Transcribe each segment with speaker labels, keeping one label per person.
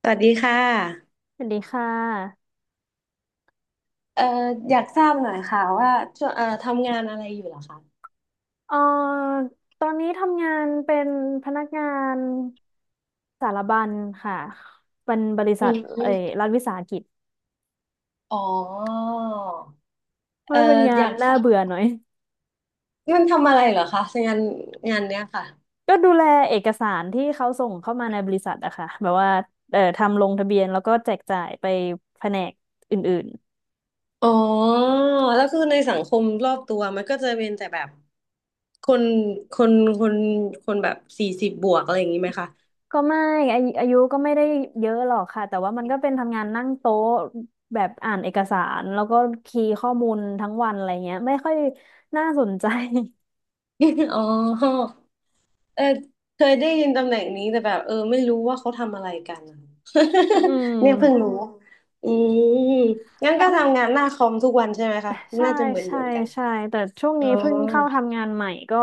Speaker 1: สวัสดีค่ะ
Speaker 2: สวัสดีค่ะ
Speaker 1: เอ่ออยากทราบหน่อยค่ะว่าช่วงทำงานอะไรอยู่เหรอคะ
Speaker 2: เอ่อตอนนี้ทำงานเป็นพนักงานสารบัญค่ะเป็นบริ
Speaker 1: อื
Speaker 2: ษัทเอ่อ
Speaker 1: ม
Speaker 2: รัฐวิสาหกิจ
Speaker 1: อ๋อ
Speaker 2: เพ
Speaker 1: เอ่อ
Speaker 2: ราะเป็นงา
Speaker 1: อ
Speaker 2: น
Speaker 1: ยากท
Speaker 2: น่า
Speaker 1: ราบ
Speaker 2: เบื่อหน่อย
Speaker 1: มันทำอะไรเหรอคะงานงานเนี้ยค่ะ
Speaker 2: ก็ดูแลเอกสารที่เขาส่งเข้ามาในบริษัทอะค่ะแบบว่าทำลงทะเบียนแล้วก็แจกจ่ายไปแผนกอื่น
Speaker 1: อ๋อ แล้วคือในสังคมรอบตัวมันก็จะเป็นแต่แบบคน คน คนคนแบบสี่สิบบวกอะไรอย่างนี้ไหมคะ
Speaker 2: ๆก็ไม่อายุก็ไม่ได้เยอะหรอกค่ะ แต่ว่ามันก็เป็นทำงานนั่งโต๊ะแบบอ่านเอกสารแล้วก็คีย์ข้อมูลทั้งวันอะไรเงี้ยไม่ค่อยน่าสนใจ
Speaker 1: อ๋อเออเคยได้ยินตำแหน่งนี้แต่แบบเออไม่รู้ว่าเขาทำอะไรกันอะ
Speaker 2: อืม
Speaker 1: เนี่ยเพิ่งรู้อืมงั้น
Speaker 2: แล้
Speaker 1: ก็
Speaker 2: ว
Speaker 1: ทำงานหน้าคอมทุกวันใช่ไหมคะ
Speaker 2: ใช่
Speaker 1: น่าจะเหมือนเห
Speaker 2: ใช่
Speaker 1: มือนกัน
Speaker 2: ใช่แต่ช่วง
Speaker 1: อ๋อ
Speaker 2: นี้เพิ่งเข้าทำงานใหม่ก็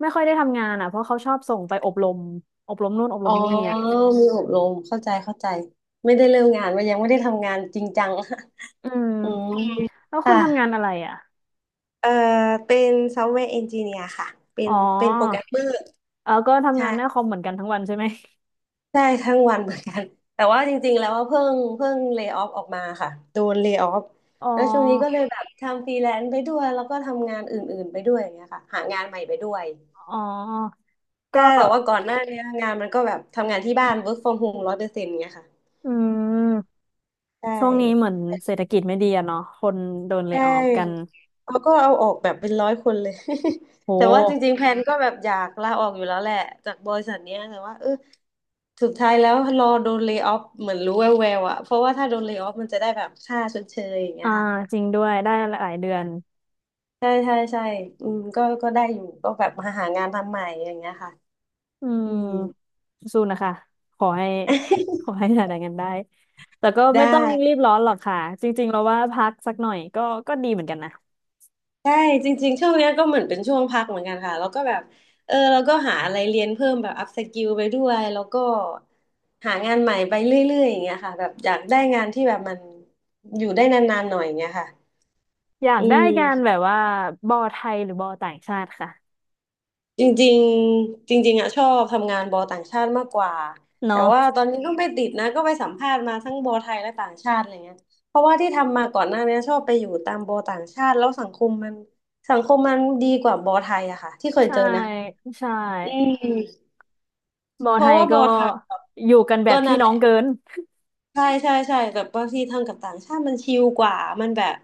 Speaker 2: ไม่ค่อยได้ทำงานอ่ะเพราะเขาชอบส่งไปอบรมอบรมนู่นอบร
Speaker 1: อ๋อ
Speaker 2: มนี่อ่ะ
Speaker 1: มีอบรมเข้าใจเข้าใจ ไม่ได้เริ่มงานว่ายังไม่ได้ทำงานจริงจัง
Speaker 2: อืม
Speaker 1: อืม
Speaker 2: แล้วคุ
Speaker 1: ค่ะ
Speaker 2: ณทำงานอะไรอ่ะ
Speaker 1: เอ่อเป็นซอฟต์แวร์เอนจิเนียร์ค่ะเป็
Speaker 2: อ๋
Speaker 1: น
Speaker 2: อ
Speaker 1: เป็นโปรแกรมเมอร์
Speaker 2: เออก็ทำ
Speaker 1: ใช่
Speaker 2: งานหน้าคอมเหมือนกันทั้งวันใช่ไหม
Speaker 1: ใช่ทั้งวันเหมือนกัน แต่ว่าจริงๆแล้วว่าเพิ่งเล y o ออฟออกมาค่ะโดนเล y o ออฟ
Speaker 2: อ๋
Speaker 1: แล้วช่วงนี้ก็
Speaker 2: อ
Speaker 1: เลยแบบทำฟรีแลนซ์ไปด้วยแล้วก็ทำงานอื่นๆไปด้วยอย่างเงี้ยค่ะหางานใหม่ไปด้วย
Speaker 2: อ๋อก็
Speaker 1: แต่ว่าก่อนหน้าเนี้ยงานมันก็แบบทำงานที่บ้าน work from home 100%เงี้ยค่ะ
Speaker 2: อืม
Speaker 1: ใช่
Speaker 2: ช่วงนี้เหมือนเศรษฐกิจไม่ดีอะเนาะคนโดนเล y o
Speaker 1: ใช่
Speaker 2: ออฟกัน
Speaker 1: เขาก็เอาออกแบบเป็น100 คนเลย
Speaker 2: โ
Speaker 1: แต่ว่าจ
Speaker 2: ห
Speaker 1: ริงๆแพลนก็แบบอยากลาออกอยู่แล้วแหละจากบริษัทเนี้ยแต่ว่าเออ สุดท้ายแล้วรอโดนเล y o ออฟเหมือนรู้แววๆอะเพราะว่าถ้าโดนเล y o ออฟมันจะได้แบบค่าชดเชยอย่างเงี้
Speaker 2: อ่า
Speaker 1: ยค่ะ
Speaker 2: จริงด้วยได้หลายเดือน
Speaker 1: ใช่ใช่ใช่อืมก็ได้อยู่ก็แบบมาหางานทำใหม่อย่างเงี้ยค่ะ
Speaker 2: อื
Speaker 1: อืม
Speaker 2: มสู้นะคะขอให้ ขอ ให้หาได้กันได้แต่ก็
Speaker 1: ได้
Speaker 2: ไม่ต้องรีบร้อนหรอกค่ะจริงๆเราว่าพักสักหน่อยก็ก็ดีเหมือนกันนะ
Speaker 1: ใช่จริงๆช่วงเนี้ยก็เหมือนเป็นช่วงพักเหมือนกันค่ะแล้วก็แบบเออเราก็หาอะไรเรียนเพิ่มแบบอัพสกิลไปด้วยแล้วก็หางานใหม่ไปเรื่อยๆอย่างเงี้ยค่ะแบบอยากได้งานที่แบบมันอยู่ได้นานๆหน่อยอย่างเงี้ยค่ะ
Speaker 2: อยาก
Speaker 1: อื
Speaker 2: ได้
Speaker 1: ม
Speaker 2: การแบบว่าบอไทยหรือบอต่างชาติค่ะ
Speaker 1: จริงๆจริงๆอะชอบทำงานบอต่างชาติมากกว่าแต่
Speaker 2: เนาะ
Speaker 1: ว่าตอนนี้ก็ไม่ติดนะก็ไปสัมภาษณ์มาทั้งบอไทยและต่างชาติอะไรเงี้ยเพราะว่าที่ทำมาก่อนหน้านี้ชอบไปอยู่ตามบอต่างชาติแล้วสังคมมันดีกว่าบอไทยอะค่ะที่เคย
Speaker 2: ใช่
Speaker 1: เจอนะ
Speaker 2: ใช่
Speaker 1: อืม
Speaker 2: บอ
Speaker 1: เพ
Speaker 2: ไท
Speaker 1: ราะ
Speaker 2: ย
Speaker 1: ว่าบ
Speaker 2: ก็
Speaker 1: อไทยแบบ
Speaker 2: อยู่กันแบ
Speaker 1: ก็
Speaker 2: บพี่
Speaker 1: นั่นแห
Speaker 2: น้อ
Speaker 1: ละ
Speaker 2: งเกิน
Speaker 1: ใช่ใช่ใช่แบบบางทีทำกับต่างชาติมันชิลกว่ามันแบบ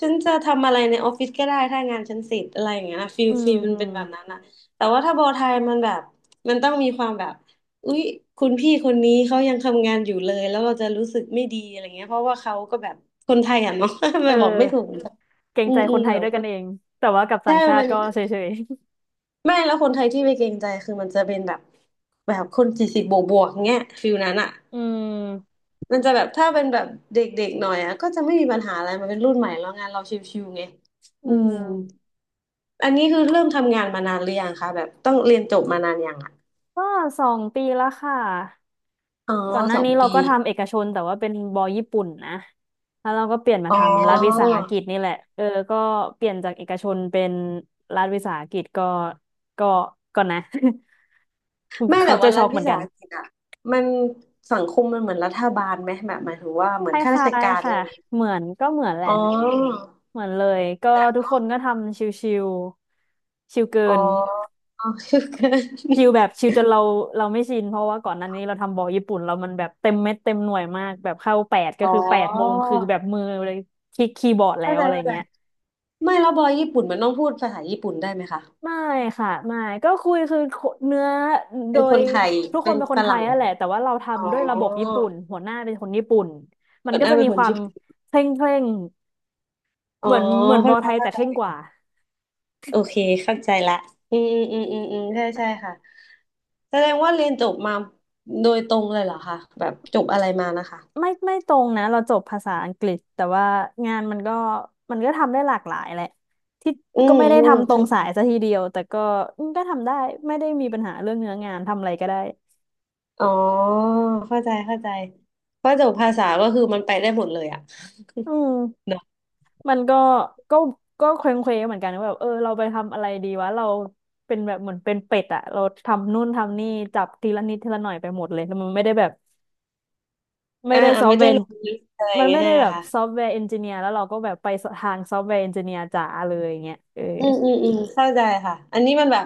Speaker 1: ฉันจะทำอะไรในออฟฟิศก็ได้ถ้างานฉันเสร็จอะไรอย่างเงี้ยนะฟีล
Speaker 2: อืม
Speaker 1: ฟีลมั
Speaker 2: อื
Speaker 1: นเป็
Speaker 2: ม
Speaker 1: นแบบนั้นนะแต่ว่าถ้าโบไทยมันแบบมันต้องมีความแบบอุ๊ยคุณพี่คนนี้เขายังทำงานอยู่เลยแล้วเราจะรู้สึกไม่ดีอะไรเงี้ยเพราะว่าเขาก็แบบคนไทยอ่ะเนาะ
Speaker 2: เออ
Speaker 1: ไม่บอกไม่ถูกเหมือนกัน
Speaker 2: เกรง
Speaker 1: อื
Speaker 2: ใจ
Speaker 1: มอื
Speaker 2: ค
Speaker 1: ม
Speaker 2: นไท
Speaker 1: เดี๋
Speaker 2: ย
Speaker 1: ยว
Speaker 2: ด้วย
Speaker 1: ค
Speaker 2: กัน
Speaker 1: น
Speaker 2: เองแต่ว่ากับต่า
Speaker 1: ใช่
Speaker 2: งชา
Speaker 1: มั
Speaker 2: ติ
Speaker 1: น
Speaker 2: ก็
Speaker 1: เป็
Speaker 2: เฉ
Speaker 1: น
Speaker 2: ย
Speaker 1: ไม่แล้วคนไทยที่ไม่เกรงใจคือมันจะเป็นแบบแบบคน40+เงี้ยฟีลนั้นอ่ะ
Speaker 2: ๆ
Speaker 1: มันจะแบบถ้าเป็นแบบเด็กๆหน่อยอ่ะก็จะไม่มีปัญหาอะไรมันเป็นรุ่นใหม่แล้วงานเราชิวๆไง
Speaker 2: อื
Speaker 1: อื
Speaker 2: ม
Speaker 1: มอันนี้คือเริ่มทำงานมานานหรือยังคะแบบต้องเรียนจบมานานยังอ่ะ
Speaker 2: ก็2 ปีแล้วค่ะ
Speaker 1: อ๋อ
Speaker 2: ก่อนหน้า
Speaker 1: สอง
Speaker 2: นี้เรา
Speaker 1: ปี
Speaker 2: ก็ทำเอกชนแต่ว่าเป็นบอญี่ปุ่นนะแล้วเราก็เปลี่ยนมา
Speaker 1: อ๋
Speaker 2: ทำรัฐวิ
Speaker 1: อ
Speaker 2: สาหกิจนี่แหละ เออก็เปลี่ยนจากเอกชนเป็นรัฐวิสาหกิจก็ก็นะ
Speaker 1: แม่
Speaker 2: เขา
Speaker 1: แต่
Speaker 2: เจอ
Speaker 1: ว่ารั
Speaker 2: ช็อ
Speaker 1: ฐ
Speaker 2: กเหมื
Speaker 1: วิ
Speaker 2: อน
Speaker 1: สา
Speaker 2: กัน
Speaker 1: หกิจอ่ะมันสังคมมันเหมือนรัฐบาลไหมแบบหมายถึงว่าเห
Speaker 2: ค
Speaker 1: มือนข้ารา
Speaker 2: ล้า
Speaker 1: ช
Speaker 2: ย
Speaker 1: การ
Speaker 2: ๆ
Speaker 1: อะไร
Speaker 2: ค่ะ
Speaker 1: อย่างเงี้ย
Speaker 2: เหมือนก็เหมือนแห
Speaker 1: อ๋
Speaker 2: ละ
Speaker 1: อ
Speaker 2: เหมือนเลยก็ทุกคนก็ทำชิวๆชิวเกิ
Speaker 1: อ๋อ
Speaker 2: น
Speaker 1: อ๋อคือกัน
Speaker 2: ชิลแบบชิลจนเราไม่ชินเพราะว่าก่อนหน้านี้เราทำบอลญี่ปุ่นเรามันแบบเต็มเม็ดเต็มหน่วยมากแบบเข้าแปดก็
Speaker 1: อ๋อ
Speaker 2: คือ8 โมงคือแบบมือเลยคลิกคีย์บอร์ดแล้
Speaker 1: เข้า
Speaker 2: ว
Speaker 1: ใจ
Speaker 2: อะไร
Speaker 1: เข้าใจ
Speaker 2: เงี้ย
Speaker 1: ไม่แล้วบอยญี่ปุ่นมันต้องพูดภาษาญี่ปุ่นได้ไหมคะ
Speaker 2: ไม่ค่ะไม่ก็คุยคือเนื้อโด
Speaker 1: เป็นค
Speaker 2: ย
Speaker 1: นไทย
Speaker 2: ทุกค
Speaker 1: เป็
Speaker 2: น
Speaker 1: น
Speaker 2: เป็นค
Speaker 1: ฝ
Speaker 2: นไทย
Speaker 1: รั่ง
Speaker 2: นั่นแหละแต่ว่าเรา
Speaker 1: อ๋อ
Speaker 2: ทำด้วยระบบญี่ปุ่นหัวหน้าเป็นคนญี่ปุ่นมัน
Speaker 1: เ่อน
Speaker 2: ก็
Speaker 1: หน้า
Speaker 2: จะ
Speaker 1: เป็
Speaker 2: มี
Speaker 1: นค
Speaker 2: ค
Speaker 1: น
Speaker 2: วาม
Speaker 1: ญี่ปุ่น
Speaker 2: เคร่งเคร่ง
Speaker 1: อ๋อ
Speaker 2: เหมือนบ
Speaker 1: เข้า
Speaker 2: อล
Speaker 1: ใจ
Speaker 2: ไทยแต่
Speaker 1: เข้า
Speaker 2: เค
Speaker 1: ใจ
Speaker 2: ร่งกว่า
Speaker 1: โอเคเข้าใจละอืมอืมอืมอืมใช่ใช่ค่ะแสดงว่าเรียนจบมาโดยตรงเลยเหรอคะแบบจบอะไรมานะคะ
Speaker 2: ไม่ตรงนะเราจบภาษาอังกฤษแต่ว่างานมันก็ทำได้หลากหลายแหละที่
Speaker 1: อื
Speaker 2: ก็
Speaker 1: ม
Speaker 2: ไม่ได้
Speaker 1: อืม
Speaker 2: ทำตรง
Speaker 1: เข้าใจ
Speaker 2: สายซะทีเดียวแต่ก็ทำได้ไม่ได้มีปัญหาเรื่องเนื้องานทำอะไรก็ได้
Speaker 1: อ๋อเข้าใจเข้าใจ เพราะจบภาษา ก็คือมันไปได้หมดเลยอะ
Speaker 2: อืม
Speaker 1: เนอะ
Speaker 2: มันก็ก็เคว้งเควเหมือนกันว่าแบบเออเราไปทำอะไรดีวะเราเป็นแบบเหมือนเป็นเป็ดอะเราทำนู่นทำนี่จับทีละนิดทีละหน่อยไปหมดเลยแล้วมันไม่ได้แบบไม่
Speaker 1: อ่า
Speaker 2: ได้
Speaker 1: อ่า
Speaker 2: ซอฟ
Speaker 1: ไม่
Speaker 2: ต์แว
Speaker 1: ได้
Speaker 2: ร์
Speaker 1: ลงลึกอะไรอ
Speaker 2: มั
Speaker 1: ย่าง
Speaker 2: น
Speaker 1: เงี้
Speaker 2: ไม่
Speaker 1: ยใช่
Speaker 2: ได้
Speaker 1: ไหม
Speaker 2: แบบ
Speaker 1: คะ
Speaker 2: ซอฟต์แวร์เอนจิเนียร์แล้วเราก็แบบไปทางซอฟต์แวร์เอนจิเนียร์จ๋าเลยอย่างเงี้ยเออ
Speaker 1: อืมอืมอืมเข้าใจค่ะอันนี้มันแบบ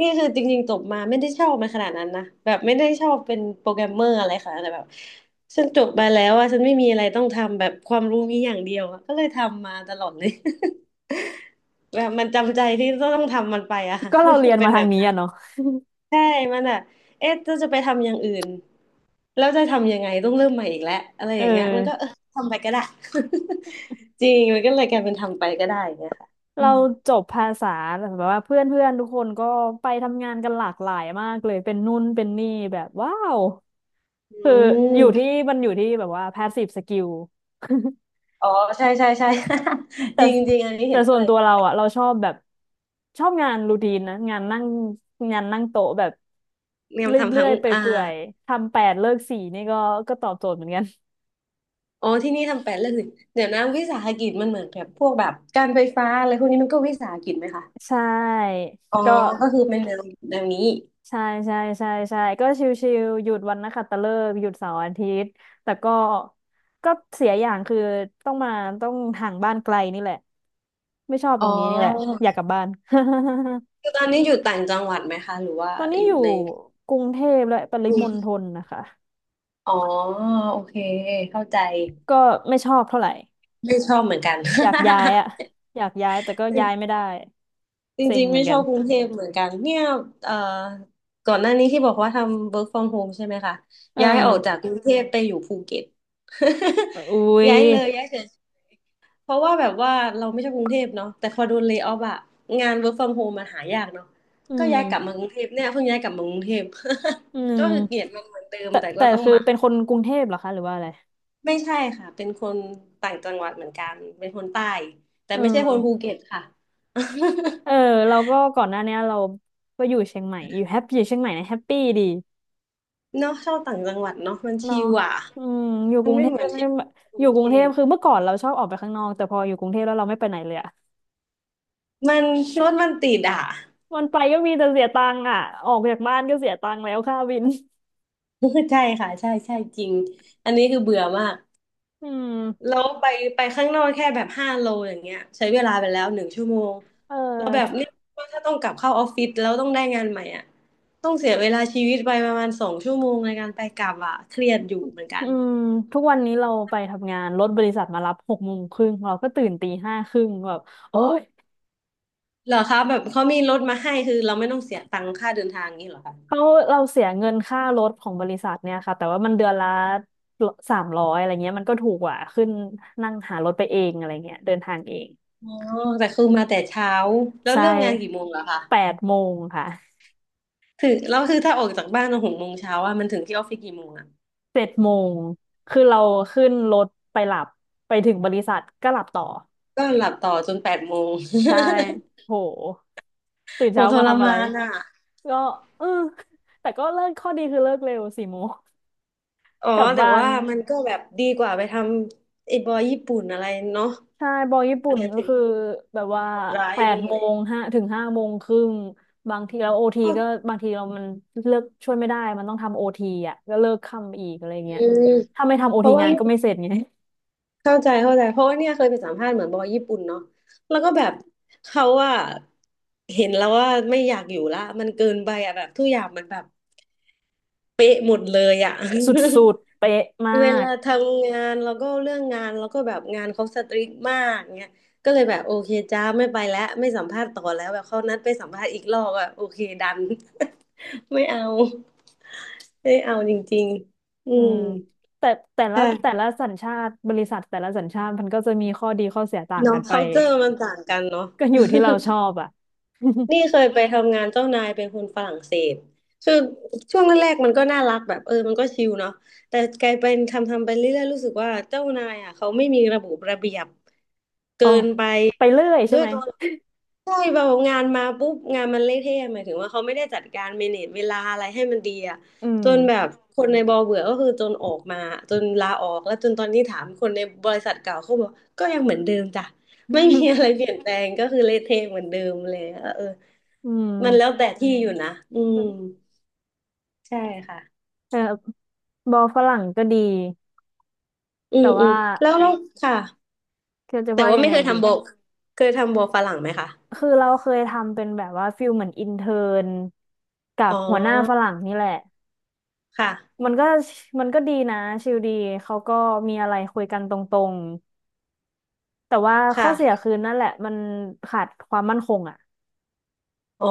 Speaker 1: นี่คือจริงๆจบมาไม่ได้ชอบมันขนาดนั้นนะแบบไม่ได้ชอบเป็นโปรแกรมเมอร์อะไรค่ะแต่แบบฉันจบมาแล้วอะฉันไม่มีอะไรต้องทำแบบความรู้มีอย่างเดียวอะก็เลยทำมาตลอดเลย แบบมันจำใจที่ต้องทำมันไปอะ
Speaker 2: ก็เราเรี ย
Speaker 1: มั
Speaker 2: น
Speaker 1: นเป็
Speaker 2: มา
Speaker 1: น
Speaker 2: ทา
Speaker 1: แบ
Speaker 2: ง
Speaker 1: บ
Speaker 2: นี้
Speaker 1: นั้น
Speaker 2: อะเนาะ
Speaker 1: ใช่มันอะเอ๊ะจะไปทำอย่างอื่นแล้วจะทำยังไงต้องเริ่มใหม่อีกแล้วอะไรอ
Speaker 2: เอ
Speaker 1: ย่างเงี้ยมันก็เอ
Speaker 2: อ
Speaker 1: อทำไปก็ได้ จริงมันก็เลยกลายเป็นทำไปก็ได้อย่างเงี้ยค่ะอื
Speaker 2: เรา
Speaker 1: ม
Speaker 2: จบภาษาแบบว่าเพื่อนเพื่อนทุกคนก็ไปทำงานกันหลากหลายมากเลย เป็นนู่นเป็นนี่แบบว้าว
Speaker 1: อื
Speaker 2: คืออ
Speaker 1: ม
Speaker 2: ยู่ที่มันอยู่ที่แบบว่า passive skill
Speaker 1: อ๋อใช่ใช่ใช่
Speaker 2: แต่
Speaker 1: จริงจริงอันนี้
Speaker 2: แต่
Speaker 1: เห็น
Speaker 2: ส่
Speaker 1: ด้
Speaker 2: ว
Speaker 1: ว
Speaker 2: น
Speaker 1: ย
Speaker 2: ตัวเราอะเราชอบแบบชอบงานรูทีนนะ งานนั่งโต๊ะแบบ
Speaker 1: เนี่ย
Speaker 2: เร
Speaker 1: มันทำ
Speaker 2: ื่
Speaker 1: ทั้
Speaker 2: อ
Speaker 1: ง
Speaker 2: ยๆไป
Speaker 1: อ่า
Speaker 2: เปื่อยๆ ทำแปดเลิกสี่นี่ก็ตอบโจทย์เหมือนกัน
Speaker 1: อ๋อที่นี่ทำแปดเรื่องหนึ่งเดี๋ยวนะวิสาหกิจมันเหมือนแบบพวกแบบการไฟฟ้าอะไรพวกนี้มันก็วิสาหกิจไหมคะ
Speaker 2: ใช่
Speaker 1: อ๋อ
Speaker 2: ก็
Speaker 1: ก็คือเป็นแนวแนวนี้
Speaker 2: ใช่ใช่ใช่ใช่ก็ชิวๆหยุดวันนักขัตฤกษ์หยุดเสาร์อาทิตย์แต่ก็เสียอย่างคือต้องมาต้องห่างบ้านไกลนี่แหละไม่ชอบต
Speaker 1: อ๋
Speaker 2: ร
Speaker 1: อ
Speaker 2: งนี้นี่แหละอยากกลับบ้าน
Speaker 1: คือตอนนี้อยู่ต่างจังหวัดไหมคะหรือว่า
Speaker 2: ตอนนี้
Speaker 1: อ
Speaker 2: อ
Speaker 1: ยู่
Speaker 2: ยู่
Speaker 1: ใน
Speaker 2: กรุงเทพและปริ
Speaker 1: อื
Speaker 2: มณฑ
Speaker 1: ม
Speaker 2: ลนะคะ
Speaker 1: อ๋อโอเคเข้าใจ
Speaker 2: ก็ไม่ชอบเท่าไหร่
Speaker 1: ไม่ชอบเหมือนกัน
Speaker 2: อยากย้ายอะอยากย้ายแต่ก็ย้ายไม่ ได้
Speaker 1: จ
Speaker 2: เซ็ง
Speaker 1: ริงๆ
Speaker 2: เหมื
Speaker 1: ไม่
Speaker 2: อน
Speaker 1: ช
Speaker 2: กั
Speaker 1: อ
Speaker 2: น
Speaker 1: บกรุงเทพเหมือนกันเนี่ยเอ่อก่อนหน้านี้ที่บอกว่าทำ work from home ใช่ไหมคะ
Speaker 2: เออ
Speaker 1: ย้ายออกจากกรุงเทพไปอยู่ภูเก็ต
Speaker 2: อุ้ ย
Speaker 1: ย้ายเลยย้ายเฉยเพราะว่าแบบว่าเราไม่ชอบกรุงเทพเนาะแต่พอโดนเลย์ออฟอะงาน work from home มันหายากเนาะ
Speaker 2: อื
Speaker 1: ก็
Speaker 2: ม
Speaker 1: ย้ายกลับมากรุงเทพเนี่ยเพิ่งย้ายกลับมากรุงเทพ
Speaker 2: อื
Speaker 1: ก็
Speaker 2: ม
Speaker 1: คือเกลียดมันเหมือนเดิม
Speaker 2: แต่
Speaker 1: แต่ก็
Speaker 2: แต่
Speaker 1: ต้อง
Speaker 2: คือ
Speaker 1: มา
Speaker 2: เป็นคนกรุงเทพเหรอคะหรือว่าอะไร
Speaker 1: ไม่ใช่ค่ะเป็นคนต่างจังหวัดเหมือนกันเป็นคนใต้แต่
Speaker 2: เอ
Speaker 1: ไม่ใช่คนภู
Speaker 2: อ
Speaker 1: เก็ตค่ะ
Speaker 2: เออเราก็ก่อนหน้าเนี้ยเราก็อยู่เชียงใหม่อยู่แฮปปี้อยู่เชียงใหม่นะแฮปปี้ดี
Speaker 1: เนาะชอบต่างจังหวัดเนาะมัน
Speaker 2: เนาะ
Speaker 1: ชิลอ่ะ
Speaker 2: อืมอยู่กรุง
Speaker 1: ไม่
Speaker 2: เทพ
Speaker 1: เหมือน
Speaker 2: ไม่
Speaker 1: ที่
Speaker 2: ได้มา
Speaker 1: กรุ
Speaker 2: อยู่
Speaker 1: ง
Speaker 2: กรุ
Speaker 1: เท
Speaker 2: งเทพคือ
Speaker 1: พ
Speaker 2: เมื่อก่อนเราชอบออกไปข้างนอกแต่พออยู่กรุงเทพแล้วเราไม่ไปไหนเลยอะ
Speaker 1: มันรถมันติดอ่ะ
Speaker 2: วันไปก็มีแต่เสียตังค์อะออกจากบ้านก็เสียตังค์แล้วค่าวิน
Speaker 1: ใช่ค่ะใช่ใช่จริงอันนี้คือเบื่อมาก
Speaker 2: อื
Speaker 1: แล้
Speaker 2: ม
Speaker 1: วไปข้างนอกแค่แบบห้าโลอย่างเงี้ยใช้เวลาไปแล้วหนึ่งชั่วโมง
Speaker 2: เอ
Speaker 1: แล้วแบบ
Speaker 2: อ
Speaker 1: เนี้ยถ้าต้องกลับเข้าออฟฟิศแล้วต้องได้งานใหม่อ่ะต้องเสียเวลาชีวิตไปประมาณสองชั่วโมงในการไปกลับอ่ะเครียดอยู่เหมือนกั
Speaker 2: อื
Speaker 1: น
Speaker 2: มทุกวันนี้เราไปทำงานรถบริษัทมารับ6 โมงครึ่งเราก็ตื่นตี 5 ครึ่งแบบโอ้ย
Speaker 1: เหรอคะแบบเขามีรถมาให้คือเราไม่ต้องเสียตังค่าเดินทางนี้เหรอคะ
Speaker 2: เขาเราเสียเงินค่ารถของบริษัทเนี่ยค่ะแต่ว่ามันเดือนละ300อะไรเงี้ยมันก็ถูกกว่าขึ้นนั่งหารถไปเองอะไรเงี้ยเดินทางเอง
Speaker 1: อ๋อแต่คือมาแต่เช้า แล้ว
Speaker 2: ใช่
Speaker 1: เริ่มงานกี่โมงเหรอคะ
Speaker 2: แปดโมงค่ะ
Speaker 1: ถึงเราคือถ้าออกจากบ้านหกโมงเช้าอ่ะมันถึงที่ออฟฟิศกี่โมงอ่ะ
Speaker 2: 7 โมงคือเราขึ้นรถไปหลับไปถึงบริษัทก็หลับต่อ
Speaker 1: ก็หลับต่อจนแปดโมง
Speaker 2: ใช่โหตื่น
Speaker 1: โห
Speaker 2: เช้า
Speaker 1: ท
Speaker 2: มา
Speaker 1: ร
Speaker 2: ทำอะ
Speaker 1: มา
Speaker 2: ไร
Speaker 1: นอ่ะ
Speaker 2: ก็เออแต่ก็เลิกข้อดีคือเลิกเร็ว4 โมง
Speaker 1: อ๋อ
Speaker 2: กลับ
Speaker 1: แต่
Speaker 2: บ้าน
Speaker 1: ว่ามันก็แบบดีกว่าไปทำไอ้บอยญี่ปุ่นอะไรเนาะ
Speaker 2: ใช่บอลญี่ปุ่น
Speaker 1: เนี่ย
Speaker 2: ก็
Speaker 1: ถึง
Speaker 2: คือแบบว่า
Speaker 1: โหดร้าย
Speaker 2: แปด
Speaker 1: เล
Speaker 2: โม
Speaker 1: ย
Speaker 2: งห้าถึงห้าโมงครึ่งบางทีเราโอทีก็บางทีเรามันเลิกช่วยไม่ได้มันต้องทำโอทีอ่ะก็เลิกค่ำอีกอะไร
Speaker 1: อื
Speaker 2: เงี้ย
Speaker 1: ม
Speaker 2: ถ้าไม่ทำโอ
Speaker 1: เพ
Speaker 2: ที
Speaker 1: ราะว่า
Speaker 2: งานก็ไม่เสร็จไง
Speaker 1: เข้าใจเข้าใจเพราะว่าเนี่ยเคยไปสัมภาษณ์เหมือนบอยญี่ปุ่นเนาะแล้วก็แบบเขาว่าเห็นแล้วว่าไม่อยากอยู่ละมันเกินไปอ่ะแบบทุกอย่างมันแบบเป๊ะหมดเลยอ่ะ
Speaker 2: สุดๆเป๊ะมา
Speaker 1: เวลา
Speaker 2: ก
Speaker 1: ทำงานแล้วก็เรื่องงานแล้วก็แบบงานเขาสตริกมากเงี้ยก็เลยแบบโอเคจ้าไม่ไปแล้วไม่สัมภาษณ์ต่อแล้วแบบเขานัดไปสัมภาษณ์อีกรอบอะโอเคดัน ไม่เอาไม่เอาจริงๆอื
Speaker 2: อื
Speaker 1: ม
Speaker 2: มแต่แต่ละแต่
Speaker 1: ค่ะ
Speaker 2: ละสัญชาติบริษัทแต่ละสัญชาติมันก็จะมีข้อดีข้อเสียต่าง
Speaker 1: เนาะ
Speaker 2: กันไป
Speaker 1: culture มันต่างกันเนาะ
Speaker 2: ก็อยู่ที่เราชอบอ่ะ
Speaker 1: นี่เคยไปทำงานเจ้านายเป็นคนฝรั่งเศสคือช่วงแรกๆมันก็น่ารักแบบเออมันก็ชิลเนาะแต่กลายเป็นทำไปเรื่อยๆรู้สึกว่าเจ้านายอ่ะเขาไม่มีระบบระเบียบ เกิ
Speaker 2: อ๋อ
Speaker 1: นไป
Speaker 2: ไปเรื่อยใช่
Speaker 1: ด้วย
Speaker 2: ไหม
Speaker 1: ตัวใช่แบบงานมาปุ๊บงานมันเละเทะหมายถึงว่าเขาไม่ได้จัดการเมเนจเวลาอะไรให้มันดีอ่ะ
Speaker 2: อืม
Speaker 1: จนแบบคนในบอเบื่อก็คือจนออกมาจนลาออกแล้วจนตอนนี้ถามคนในบริษัทเก่าเขาบอกก็ยังเหมือนเดิมจ้ะไม่มี อะไรเปลี่ยนแปลงก็คือเละเทะเหมือนเดิมเลยเออ
Speaker 2: อื
Speaker 1: มันแล้ว
Speaker 2: ม
Speaker 1: แต่ที่อยู่นะอืมใช่ค่ะ
Speaker 2: เออบอลฝรั่งก็ดี
Speaker 1: อื
Speaker 2: แต่
Speaker 1: มอื
Speaker 2: ว่า
Speaker 1: มแล้ว่แล้วค่ะ
Speaker 2: คือจะ
Speaker 1: แต่
Speaker 2: ว่า
Speaker 1: ว่า
Speaker 2: ยัง
Speaker 1: ไม่
Speaker 2: ไง
Speaker 1: เคย
Speaker 2: ดี
Speaker 1: ทำโบเคยทำโบฝรั่งไหมคะ
Speaker 2: คือเราเคยทำเป็นแบบว่าฟิลเหมือนอินเทอร์นกั
Speaker 1: อ๋
Speaker 2: บ
Speaker 1: อ
Speaker 2: หัวหน้าฝรั่งนี่แหละ
Speaker 1: ค่ะ
Speaker 2: มันก็มันก็ดีนะชิลดีเขาก็มีอะไรคุยกันตรงๆแต่ว่าข้อเสีย
Speaker 1: ค่ะ
Speaker 2: คือนั่นแหละมันขาดความมั่นคงอ่ะ
Speaker 1: อ๋อ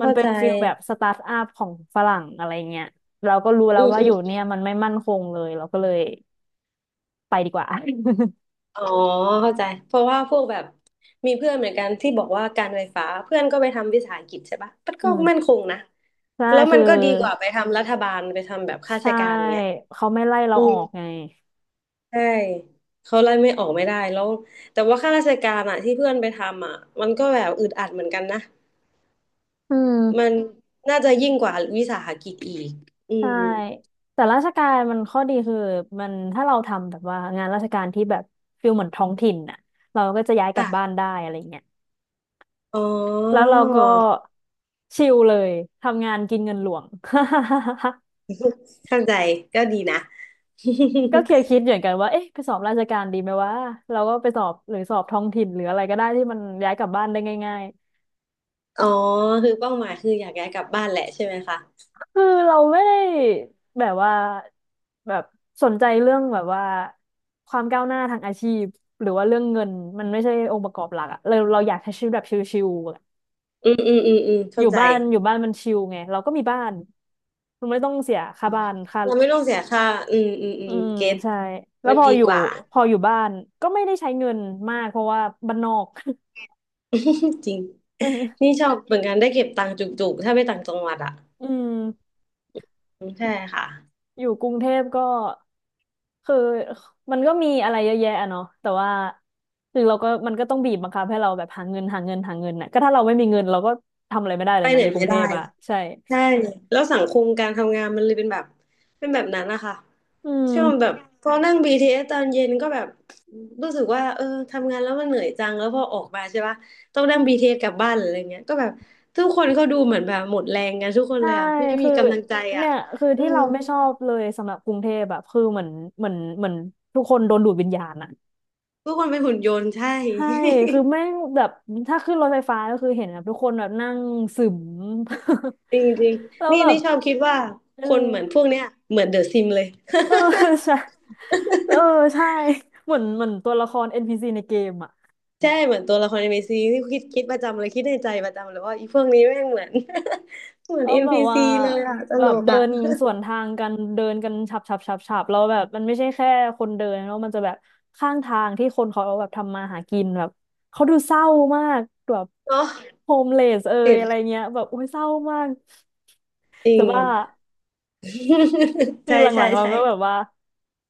Speaker 2: มัน
Speaker 1: เข้า
Speaker 2: เป็น
Speaker 1: ใจ
Speaker 2: ฟิลแบบสตาร์ทอัพของฝรั่งอะไรเงี้ยเราก็รู้แล้ว
Speaker 1: อืม
Speaker 2: ว่า
Speaker 1: อื
Speaker 2: อ
Speaker 1: ม
Speaker 2: ยู่เนี่ยมันไม่มั่นคงเลยเราก็เลยไปดีกว่า
Speaker 1: อ๋อเข้าใจเพราะว่าพวกแบบมีเพื่อนเหมือนกันที่บอกว่าการไฟฟ้าเพื่อนก็ไปทำวิสาหกิจใช่ปะมัน
Speaker 2: อื
Speaker 1: ก็
Speaker 2: ม
Speaker 1: มั่นคงนะ
Speaker 2: ใช่
Speaker 1: แล้วมั
Speaker 2: คือ
Speaker 1: นก็ดีกว่าไปทำรัฐบาลไปทำแบบข้าราช
Speaker 2: ใช่
Speaker 1: การเนี้ย
Speaker 2: เขาไม่ไล่เรา
Speaker 1: อื
Speaker 2: อ
Speaker 1: ม
Speaker 2: อกไง
Speaker 1: ใช่เขาไล่ไม่ออกไม่ได้แล้วแต่ว่าข้าราชการอะที่เพื่อนไปทำอะมันก็แบบอึดอัดเหมือนกันนะ
Speaker 2: อื
Speaker 1: มัน
Speaker 2: ม
Speaker 1: น่าจะยิ่งกว่าวิสาหกิจอีกอื
Speaker 2: ใช่
Speaker 1: ม
Speaker 2: แต่ราชการมันข้อดีคือมันถ้าเราทำแบบว่างานราชการที่แบบฟิลเหมือนท้องถิ่นน่ะเราก็จะย้ายกลับบ้าน
Speaker 1: ค่ะ
Speaker 2: ได้อะไรเงี้ย
Speaker 1: อ๋อ
Speaker 2: แล้วเราก็ชิลเลยทำงานกินเงินหลวง
Speaker 1: เข้าใจก็ดีนะ
Speaker 2: ก็เคยคิดเหมือนกันว่าเอ๊ะไปสอบราชการดีไหมวะเราก็ไปสอบหรือสอบท้องถิ่นหรืออะไรก็ได้ที่มันย้ายกลับบ้านได้ง่าย
Speaker 1: อ๋อคือเป้าหมายคืออยากย้ายกลับบ้านแหละใช่ไหมคะ
Speaker 2: คือเราไม่ได้แบบว่าแบบสนใจเรื่องแบบว่าความก้าวหน้าทางอาชีพหรือว่าเรื่องเงินมันไม่ใช่องค์ประกอบหลักอะเราเราอยากใช้ชีวิตแบบชิลๆอะ
Speaker 1: อืมอืมอืมอืม
Speaker 2: อ
Speaker 1: เข้า
Speaker 2: ยู่
Speaker 1: ใจ
Speaker 2: บ้านอยู่บ้านมันชิลไงเราก็มีบ้านมันไม่ต้องเสียค่าบ้านค่า
Speaker 1: เราไม่ต้องเสียค่าอืมอืมอื
Speaker 2: อื
Speaker 1: ม
Speaker 2: ม
Speaker 1: เก็ต
Speaker 2: ใช่แล้ว
Speaker 1: มัน
Speaker 2: พอ
Speaker 1: ดี
Speaker 2: อยู่
Speaker 1: กว่า
Speaker 2: พออยู่บ้านก็ไม่ได้ใช้เงินมากเพราะว่าบ้านนอก
Speaker 1: จริง
Speaker 2: เอ
Speaker 1: นี่
Speaker 2: อ
Speaker 1: ชอบเหมือนกันได้เก็บตังค์จุกๆถ้าไปต่างจังหวัดอะ
Speaker 2: อืม
Speaker 1: ใช่ค่ะ
Speaker 2: อยู่กรุงเทพก็คือมันก็มีอะไรเยอะแยะอะเนาะแต่ว่าคือเราก็มันก็ต้องบีบบังคับให้เราแบบหาเงินหาเงินหาเงินน่ะก็ถ้าเราไม่มีเงินเราก็ทำอะไรไม่ได้เล
Speaker 1: ไป
Speaker 2: ย
Speaker 1: ไห
Speaker 2: นะ
Speaker 1: น
Speaker 2: อยู่ก
Speaker 1: ไม่
Speaker 2: รุงเท
Speaker 1: ได้
Speaker 2: พอะใช่
Speaker 1: ใช่แล้วสังคมการทำงานมันเลยเป็นแบบเป็นแบบนั้นนะคะ
Speaker 2: อื
Speaker 1: ช่วงแบ
Speaker 2: ม
Speaker 1: บพอนั่ง BTS ตอนเย็นก็แบบรู้สึกว่าเออทำงานแล้วมันเหนื่อยจังแล้วพอออกมาใช่ปะต้องนั่ง BTS กลับบ้านหรืออะไรเงี้ยก็แบบทุกคนเขาดูเหมือนแบบหมดแรงกันทุกคน
Speaker 2: ใช่
Speaker 1: เลยอ่ะไม่มี
Speaker 2: คือ
Speaker 1: กำลังใจอ่ะ
Speaker 2: เนี่ยคือ
Speaker 1: อื
Speaker 2: ที่
Speaker 1: ม
Speaker 2: เราไม่ชอบเลยสำหรับกรุงเทพแบบคือเหมือนเหมือนทุกคนโดนดูดวิญญาณอะ
Speaker 1: ทุกคนเป็นหุ่นยนต์ใช่
Speaker 2: ใช่ คือแม่งแบบถ้าขึ้นรถไฟฟ้าก็คือเห็นแบบทุกคนแบบนั่งซึม
Speaker 1: จริงจริง
Speaker 2: แล้ว
Speaker 1: นี่
Speaker 2: แบบ
Speaker 1: นี่ชอบคิดว่า
Speaker 2: เออ
Speaker 1: คนเหมือนพวกเนี้ยเหมือนเดอะซิมเลย
Speaker 2: เออ ใช่เออใช่เหมือนตัวละคร NPC ในเกมอ่ะ
Speaker 1: ใช่เหมือนตัวละครใน m ซีที่คิดประจำเลยคิดในใจประจำเลยว่าอีพวกนี้แม่งเหมือน เหมือน
Speaker 2: กาแบบว่า
Speaker 1: NPC เลยอ่ะต
Speaker 2: แบ
Speaker 1: ล
Speaker 2: บ
Speaker 1: ก
Speaker 2: เดิ
Speaker 1: อ่ะ
Speaker 2: นสวนทางกันเดินกันฉับฉับฉับฉับแล้วแบบมันไม่ใช่แค่คนเดินแล้วมันจะแบบข้างทางที่คนเขาแบบทำมาหากินแบบเขาดูเศร้ามากแบบ
Speaker 1: เนาะ
Speaker 2: โฮมเลสเอย
Speaker 1: เห็น
Speaker 2: อะไรเงี้ยแบบโอ้ยเศร้ามาก
Speaker 1: จริ
Speaker 2: จะ
Speaker 1: ง
Speaker 2: บ้า คือ
Speaker 1: ใช่
Speaker 2: หลั
Speaker 1: ใช่
Speaker 2: งๆเรา
Speaker 1: ใช่
Speaker 2: ก็แบบว่า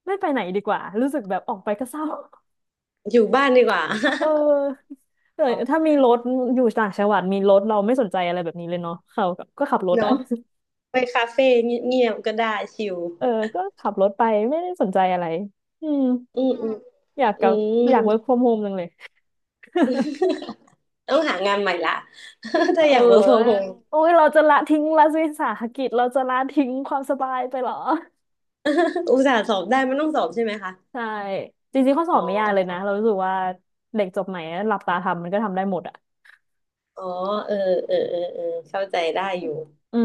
Speaker 2: ไม่ไปไหนดีกว่ารู้สึกแบบออกไปก็เศร้า
Speaker 1: อยู่บ้านดีกว่า
Speaker 2: เออเออถ้ามี รถอยู่ต่างจังหวัดมีรถเราไม่สนใจอะไรแบบนี้เลยเนาะเขาก็ก็ขับรถอ่ะ
Speaker 1: เนาะไปคาเฟ่เงียบๆก็ได้ชิล
Speaker 2: เออก็ขับรถไปไม่ได้สนใจอะไรอืม
Speaker 1: อืมอืม
Speaker 2: อยากก
Speaker 1: อื
Speaker 2: ลับอ
Speaker 1: ม
Speaker 2: ยาก work from home จังเลย
Speaker 1: ต้องหางานใหม่ละ
Speaker 2: เ
Speaker 1: ถ้าอยากเ o r k f ฟ o อ
Speaker 2: ออ
Speaker 1: home
Speaker 2: โอ้ยเราจะละทิ้งรัฐวิสาหกิจเราจะละทิ้งความสบายไปเหรอ
Speaker 1: อุตส่าห์สอบได้มันต้องสอบใช่ไหมคะ
Speaker 2: ใช่จริงๆข้อส
Speaker 1: อ๋
Speaker 2: อบ
Speaker 1: อ
Speaker 2: ไม่ยากเลยนะเรารู้สึกว่าเด็กจบใหม่อะหลับตาทำมันก็ทำได้หมดอ่ะ
Speaker 1: อ๋อเออเออเออเออเข้าใจได้อยู่
Speaker 2: อื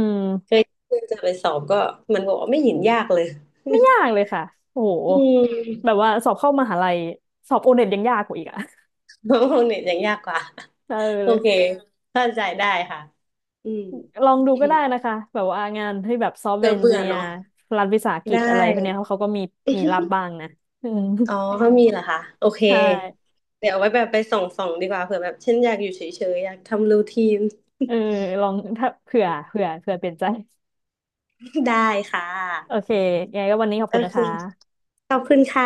Speaker 1: เค
Speaker 2: ม
Speaker 1: ยเพิ่งจะไปสอบก็มันบอกว่าไม่เห็นยากเลย
Speaker 2: ไม่ยากเลยค่ะโอ้โห
Speaker 1: อื
Speaker 2: แบบ
Speaker 1: ม
Speaker 2: ว่าสอบเข้ามหาลัยสอบโอเน็ตยังยากกว่าอีกอ่ะ
Speaker 1: ห้องของเน็ตยังยากกว่า
Speaker 2: เอ
Speaker 1: โอ
Speaker 2: อ
Speaker 1: เคเข้าใจได้ค่ะอืม
Speaker 2: ลองดูก็ได้นะคะแบบว่างานที่แบบซอฟต์
Speaker 1: เธ
Speaker 2: แวร์
Speaker 1: อ
Speaker 2: เอน
Speaker 1: เบื่
Speaker 2: จิ
Speaker 1: อ
Speaker 2: เนียร์
Speaker 1: เนาะ
Speaker 2: รัฐวิสาหกิจ
Speaker 1: ได้
Speaker 2: อะไรพวกเนี้ยเขาเขาก็มีมีรับบ้างนะ อืม
Speaker 1: อ๋อเขามีเหรอคะโอเค
Speaker 2: ใช่
Speaker 1: เดี๋ยวเอาไว้แบบไปส่องส่องดีกว่าเผื่อแบบฉันอยากอยู่เฉยๆอยากทำรูทีน
Speaker 2: เออลองถ้าเผื่อเผื่อเผื่อเปลี่ยนใจ
Speaker 1: ได้ค่
Speaker 2: โอ
Speaker 1: ะ
Speaker 2: เคยังไงก็วันนี้ขอบ
Speaker 1: โอ
Speaker 2: คุณนะ
Speaker 1: เค
Speaker 2: คะ
Speaker 1: ขอบคุณค่ะ